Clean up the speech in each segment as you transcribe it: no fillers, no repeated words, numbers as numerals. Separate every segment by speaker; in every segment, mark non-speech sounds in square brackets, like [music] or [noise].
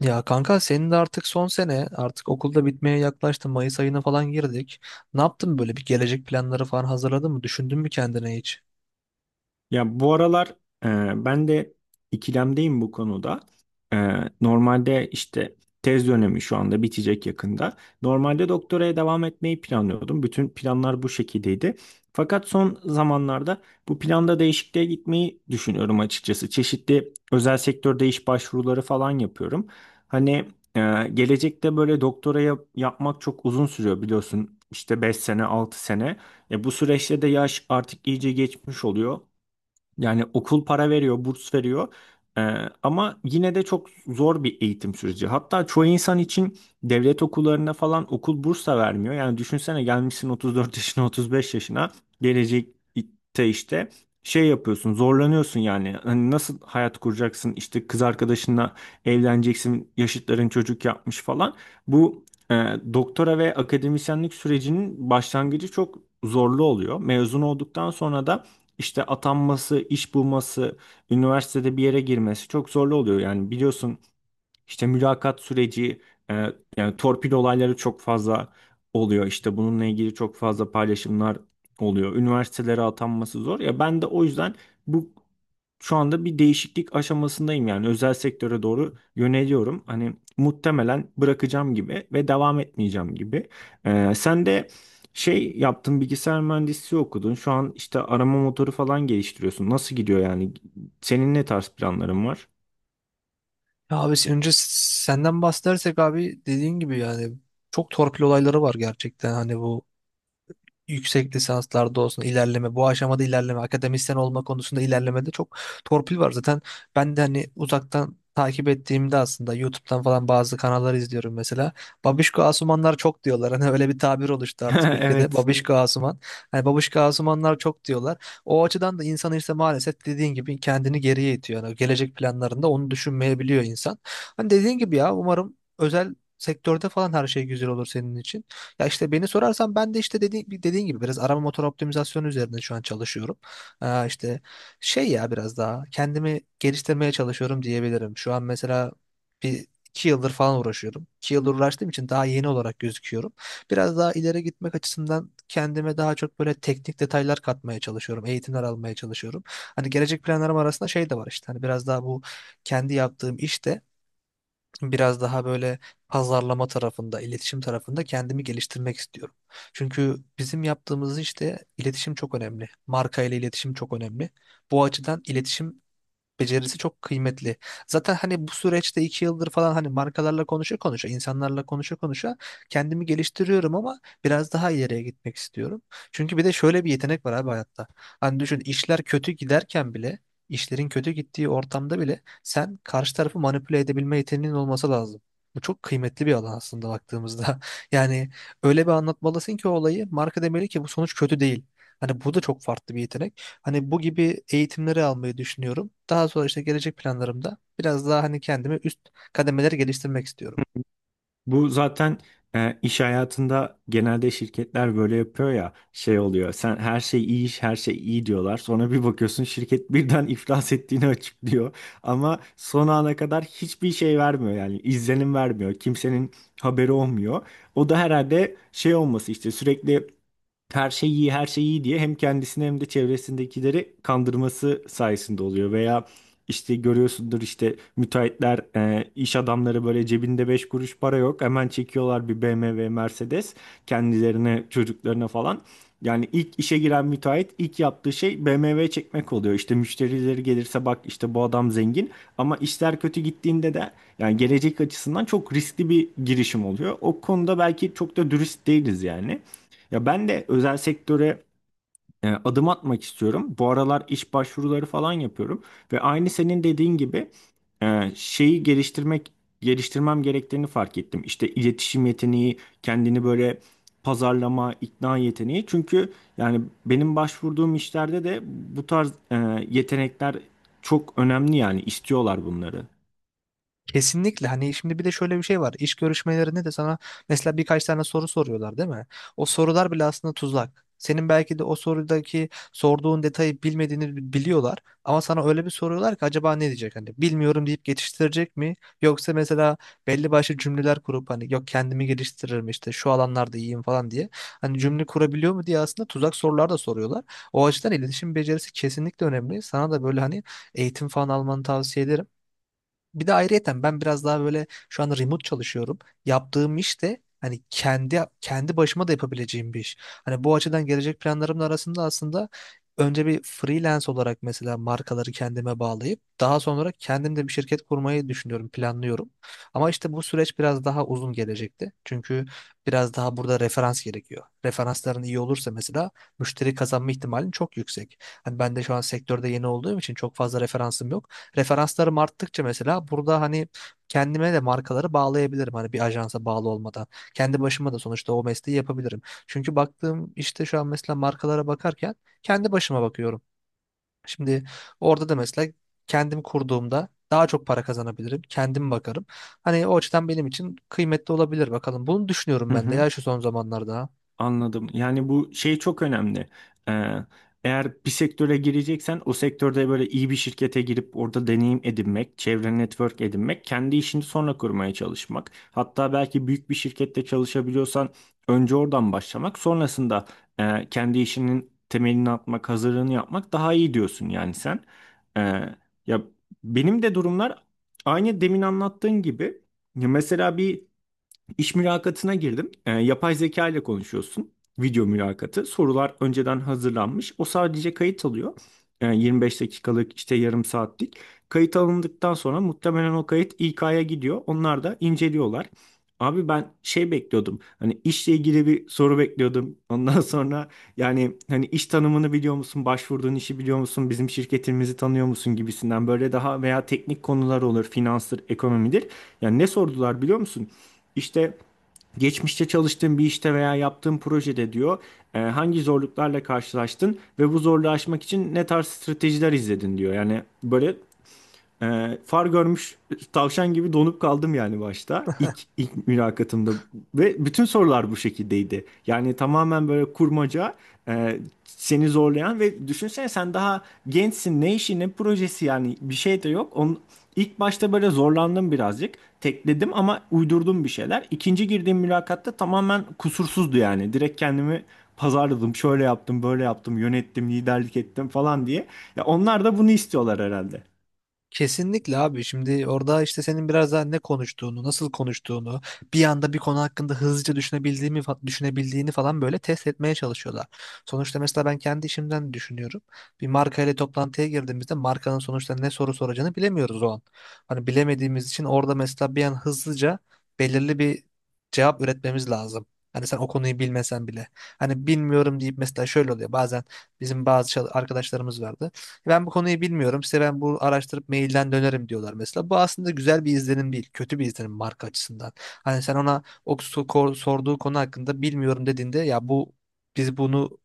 Speaker 1: Ya kanka senin de artık son sene artık okulda bitmeye yaklaştı. Mayıs ayına falan girdik. Ne yaptın böyle bir gelecek planları falan hazırladın mı? Düşündün mü kendine hiç?
Speaker 2: Ya bu aralar ben de ikilemdeyim bu konuda. E, normalde işte tez dönemi şu anda bitecek yakında. Normalde doktoraya devam etmeyi planlıyordum. Bütün planlar bu şekildeydi. Fakat son zamanlarda bu planda değişikliğe gitmeyi düşünüyorum açıkçası. Çeşitli özel sektörde iş başvuruları falan yapıyorum. Hani e, gelecekte böyle doktoraya yapmak çok uzun sürüyor biliyorsun. İşte 5 sene, 6 sene. Bu süreçte de yaş artık iyice geçmiş oluyor. Yani okul para veriyor, burs veriyor. Ee, ama yine de çok zor bir eğitim süreci. Hatta çoğu insan için devlet okullarında falan okul burs da vermiyor. Yani düşünsene gelmişsin 34 [laughs] yaşına, 35 yaşına. Gelecekte işte şey yapıyorsun, zorlanıyorsun yani. Hani nasıl hayat kuracaksın? İşte kız arkadaşınla evleneceksin, yaşıtların çocuk yapmış falan. Bu e, doktora ve akademisyenlik sürecinin başlangıcı çok zorlu oluyor. Mezun olduktan sonra da işte atanması, iş bulması, üniversitede bir yere girmesi çok zorlu oluyor. Yani biliyorsun işte mülakat süreci, e, yani torpil olayları çok fazla oluyor. İşte bununla ilgili çok fazla paylaşımlar oluyor. Üniversitelere atanması zor. Ya ben de o yüzden bu şu anda bir değişiklik aşamasındayım yani özel sektöre doğru yöneliyorum. Hani muhtemelen bırakacağım gibi ve devam etmeyeceğim gibi. Sen de şey yaptın, bilgisayar mühendisliği okudun. Şu an işte arama motoru falan geliştiriyorsun. Nasıl gidiyor yani? Senin ne tarz planların var?
Speaker 1: Ya abi senden bahsedersek abi dediğin gibi yani çok torpil olayları var gerçekten. Hani bu yüksek lisanslarda olsun ilerleme, bu aşamada ilerleme, akademisyen olma konusunda ilerlemede çok torpil var. Zaten ben de hani uzaktan takip ettiğimde aslında YouTube'dan falan bazı kanalları izliyorum mesela. Babişko Asumanlar çok diyorlar. [laughs] Hani öyle bir tabir oluştu artık ülkede.
Speaker 2: [laughs] Evet.
Speaker 1: Babişko Asuman. Hani Babişko Asumanlar çok diyorlar. O açıdan da insan işte maalesef dediğin gibi kendini geriye itiyor. Yani gelecek planlarında onu düşünmeyebiliyor insan. Hani dediğin gibi ya umarım özel sektörde falan her şey güzel olur senin için. Ya işte beni sorarsan ben de işte dediğin gibi biraz arama motor optimizasyonu üzerinde şu an çalışıyorum. İşte şey ya biraz daha kendimi geliştirmeye çalışıyorum diyebilirim. Şu an mesela bir iki yıldır falan uğraşıyorum. İki yıldır uğraştığım için daha yeni olarak gözüküyorum. Biraz daha ileri gitmek açısından kendime daha çok böyle teknik detaylar katmaya çalışıyorum. Eğitimler almaya çalışıyorum. Hani gelecek planlarım arasında şey de var işte. Hani biraz daha bu kendi yaptığım işte biraz daha böyle pazarlama tarafında, iletişim tarafında kendimi geliştirmek istiyorum. Çünkü bizim yaptığımız işte iletişim çok önemli. Marka ile iletişim çok önemli. Bu açıdan iletişim becerisi çok kıymetli. Zaten hani bu süreçte iki yıldır falan hani markalarla konuşa konuşa, insanlarla konuşa konuşa kendimi geliştiriyorum ama biraz daha ileriye gitmek istiyorum. Çünkü bir de şöyle bir yetenek var abi hayatta. Hani düşün işler kötü giderken bile, işlerin kötü gittiği ortamda bile sen karşı tarafı manipüle edebilme yeteneğin olması lazım. Bu çok kıymetli bir alan aslında baktığımızda. [laughs] Yani öyle bir anlatmalısın ki olayı marka demeli ki bu sonuç kötü değil. Hani bu da çok farklı bir yetenek. Hani bu gibi eğitimleri almayı düşünüyorum. Daha sonra işte gelecek planlarımda biraz daha hani kendimi üst kademeleri geliştirmek istiyorum.
Speaker 2: Bu zaten iş hayatında genelde şirketler böyle yapıyor ya, şey oluyor. Sen her şey iyi, iş her şey iyi diyorlar. Sonra bir bakıyorsun şirket [laughs] birden iflas ettiğini açıklıyor. Ama son ana kadar hiçbir şey vermiyor, yani izlenim vermiyor. Kimsenin haberi olmuyor. O da herhalde şey olması, işte sürekli her şey iyi, her şey iyi diye hem kendisini hem de çevresindekileri kandırması sayesinde oluyor. Veya işte görüyorsundur, işte müteahhitler, iş adamları böyle cebinde 5 kuruş para yok. Hemen çekiyorlar bir BMW, Mercedes kendilerine, çocuklarına falan. Yani ilk işe giren müteahhit ilk yaptığı şey BMW çekmek oluyor. İşte müşterileri gelirse bak işte bu adam zengin, ama işler kötü gittiğinde de yani gelecek açısından çok riskli bir girişim oluyor. O konuda belki çok da dürüst değiliz yani. Ya ben de özel sektöre adım atmak istiyorum. Bu aralar iş başvuruları falan yapıyorum ve aynı senin dediğin gibi şeyi geliştirmem gerektiğini fark ettim. İşte iletişim yeteneği, kendini böyle pazarlama, ikna yeteneği. Çünkü yani benim başvurduğum işlerde de bu tarz yetenekler çok önemli, yani istiyorlar bunları.
Speaker 1: Kesinlikle hani şimdi bir de şöyle bir şey var. İş görüşmelerinde de sana mesela birkaç tane soru soruyorlar değil mi? O sorular bile aslında tuzak. Senin belki de o sorudaki sorduğun detayı bilmediğini biliyorlar ama sana öyle bir soruyorlar ki acaba ne diyecek hani bilmiyorum deyip geçiştirecek mi yoksa mesela belli başlı cümleler kurup hani yok kendimi geliştiririm işte şu alanlarda iyiyim falan diye hani cümle kurabiliyor mu diye aslında tuzak sorular da soruyorlar. O açıdan iletişim becerisi kesinlikle önemli. Sana da böyle hani eğitim falan almanı tavsiye ederim. Bir de ayrıyeten ben biraz daha böyle şu an remote çalışıyorum. Yaptığım iş de hani kendi başıma da yapabileceğim bir iş. Hani bu açıdan gelecek planlarımın arasında aslında önce bir freelance olarak mesela markaları kendime bağlayıp daha sonra kendim de bir şirket kurmayı düşünüyorum, planlıyorum. Ama işte bu süreç biraz daha uzun gelecekti. Çünkü biraz daha burada referans gerekiyor. Referansların iyi olursa mesela müşteri kazanma ihtimalin çok yüksek. Hani ben de şu an sektörde yeni olduğum için çok fazla referansım yok. Referanslarım arttıkça mesela burada hani kendime de markaları bağlayabilirim. Hani bir ajansa bağlı olmadan. Kendi başıma da sonuçta o mesleği yapabilirim. Çünkü baktığım işte şu an mesela markalara bakarken kendi başıma bakıyorum. Şimdi orada da mesela kendim kurduğumda daha çok para kazanabilirim. Kendim bakarım. Hani o açıdan benim için kıymetli olabilir bakalım. Bunu düşünüyorum
Speaker 2: Hı
Speaker 1: ben de
Speaker 2: hı.
Speaker 1: ya şu son zamanlarda.
Speaker 2: Anladım. Yani bu şey çok önemli. Ee, eğer bir sektöre gireceksen o sektörde böyle iyi bir şirkete girip orada deneyim edinmek, çevre network edinmek, kendi işini sonra kurmaya çalışmak. Hatta belki büyük bir şirkette çalışabiliyorsan önce oradan başlamak, sonrasında kendi işinin temelini atmak, hazırlığını yapmak daha iyi diyorsun yani sen. Ee, ya benim de durumlar aynı demin anlattığın gibi. Ya mesela bir İş mülakatına girdim. Yapay zeka ile konuşuyorsun. Video mülakatı. Sorular önceden hazırlanmış. O sadece kayıt alıyor. 25 dakikalık, işte yarım saatlik. Kayıt alındıktan sonra muhtemelen o kayıt İK'ya gidiyor. Onlar da inceliyorlar. Abi ben şey bekliyordum. Hani işle ilgili bir soru bekliyordum. Ondan [laughs] sonra yani hani iş tanımını biliyor musun? Başvurduğun işi biliyor musun? Bizim şirketimizi tanıyor musun gibisinden, böyle daha veya teknik konular olur, finanstır, ekonomidir. Yani ne sordular biliyor musun? İşte, geçmişte çalıştığın bir işte veya yaptığın projede diyor, hangi zorluklarla karşılaştın ve bu zorluğu aşmak için ne tarz stratejiler izledin diyor. Yani böyle far görmüş tavşan gibi donup kaldım yani, başta ilk mülakatımda ve bütün sorular bu şekildeydi. Yani tamamen böyle kurmaca, e, seni zorlayan ve düşünsene sen daha gençsin, ne işi ne projesi, yani bir şey de yok. Onun, ilk başta böyle zorlandım birazcık, tekledim ama uydurdum bir şeyler. İkinci girdiğim mülakatta tamamen kusursuzdu, yani direkt kendimi pazarladım, şöyle yaptım böyle yaptım, yönettim, liderlik ettim falan diye. Ya onlar da bunu istiyorlar herhalde.
Speaker 1: Kesinlikle abi şimdi orada işte senin biraz daha ne konuştuğunu, nasıl konuştuğunu, bir anda bir konu hakkında hızlıca düşünebildiğini falan böyle test etmeye çalışıyorlar. Sonuçta mesela ben kendi işimden düşünüyorum. Bir marka ile toplantıya girdiğimizde markanın sonuçta ne soru soracağını bilemiyoruz o an. Hani bilemediğimiz için orada mesela bir an hızlıca belirli bir cevap üretmemiz lazım. Hani sen o konuyu bilmesen bile. Hani bilmiyorum deyip mesela şöyle oluyor. Bazen bizim bazı arkadaşlarımız vardı. Ben bu konuyu bilmiyorum. Size ben bu araştırıp mailden dönerim diyorlar mesela. Bu aslında güzel bir izlenim değil. Kötü bir izlenim marka açısından. Hani sen ona o sorduğu konu hakkında bilmiyorum dediğinde ya bu biz bunu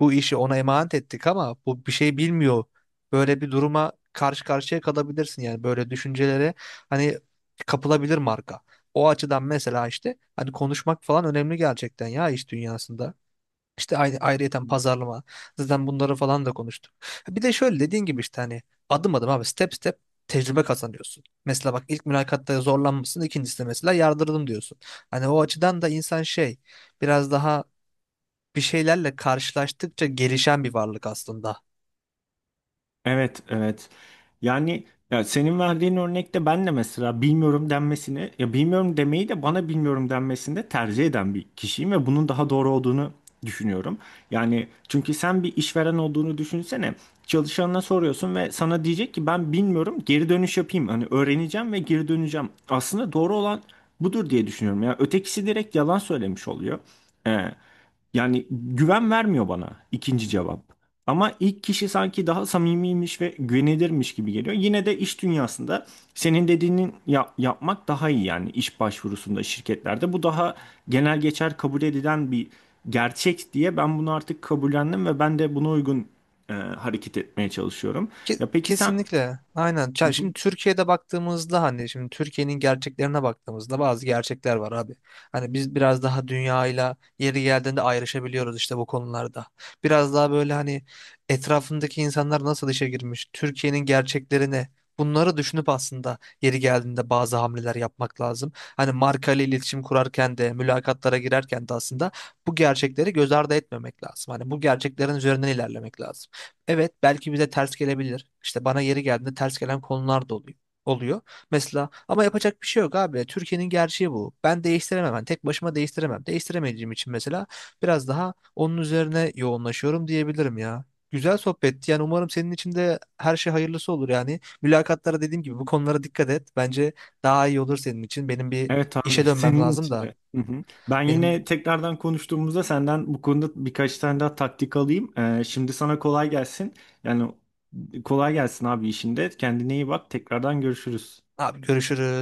Speaker 1: bu işi ona emanet ettik ama bu bir şey bilmiyor. Böyle bir duruma karşı karşıya kalabilirsin yani böyle düşüncelere hani kapılabilir marka. O açıdan mesela işte hani konuşmak falan önemli gerçekten ya iş dünyasında. İşte ayrıyeten pazarlama. Zaten bunları falan da konuştuk. Bir de şöyle dediğin gibi işte hani adım adım abi step step tecrübe kazanıyorsun. Mesela bak ilk mülakatta zorlanmışsın, ikincisinde mesela yardırdım diyorsun. Hani o açıdan da insan şey biraz daha bir şeylerle karşılaştıkça gelişen bir varlık aslında.
Speaker 2: Evet, evet. Yani ya senin verdiğin örnekte ben de mesela bilmiyorum denmesini, ya bilmiyorum demeyi de bana bilmiyorum denmesini de tercih eden bir kişiyim ve bunun daha doğru olduğunu düşünüyorum. Yani çünkü sen bir işveren olduğunu düşünsene. Çalışanına soruyorsun ve sana diyecek ki ben bilmiyorum, geri dönüş yapayım. Hani öğreneceğim ve geri döneceğim. Aslında doğru olan budur diye düşünüyorum. Ya ötekisi direkt yalan söylemiş oluyor. Ee, yani güven vermiyor bana ikinci cevap. Ama ilk kişi sanki daha samimiymiş ve güvenilirmiş gibi geliyor. Yine de iş dünyasında senin dediğinin yapmak daha iyi yani, iş başvurusunda şirketlerde. Bu daha genel geçer kabul edilen bir gerçek diye ben bunu artık kabullendim ve ben de buna uygun hareket etmeye çalışıyorum. Ya peki sen...
Speaker 1: Kesinlikle. Aynen.
Speaker 2: Hı
Speaker 1: Ya
Speaker 2: hı.
Speaker 1: şimdi Türkiye'de baktığımızda hani şimdi Türkiye'nin gerçeklerine baktığımızda bazı gerçekler var abi. Hani biz biraz daha dünyayla yeri geldiğinde ayrışabiliyoruz işte bu konularda. Biraz daha böyle hani etrafındaki insanlar nasıl işe girmiş, Türkiye'nin gerçeklerine bunları düşünüp aslında yeri geldiğinde bazı hamleler yapmak lazım. Hani marka ile iletişim kurarken de, mülakatlara girerken de aslında bu gerçekleri göz ardı etmemek lazım. Hani bu gerçeklerin üzerinden ilerlemek lazım. Evet belki bize ters gelebilir. İşte bana yeri geldiğinde ters gelen konular da oluyor. Mesela ama yapacak bir şey yok abi. Türkiye'nin gerçeği bu. Ben değiştiremem. Ben tek başıma değiştiremem. Değiştiremediğim için mesela biraz daha onun üzerine yoğunlaşıyorum diyebilirim ya. Güzel sohbetti. Yani umarım senin için de her şey hayırlısı olur yani. Mülakatlara dediğim gibi bu konulara dikkat et. Bence daha iyi olur senin için. Benim bir
Speaker 2: Evet abi, [laughs]
Speaker 1: işe dönmem
Speaker 2: senin
Speaker 1: lazım
Speaker 2: için
Speaker 1: da.
Speaker 2: de. Hı hı. Ben yine
Speaker 1: Benim
Speaker 2: tekrardan konuştuğumuzda senden bu konuda birkaç tane daha taktik alayım. Şimdi sana kolay gelsin. Yani kolay gelsin abi işinde. Kendine iyi bak. Tekrardan görüşürüz.
Speaker 1: abi görüşürüz.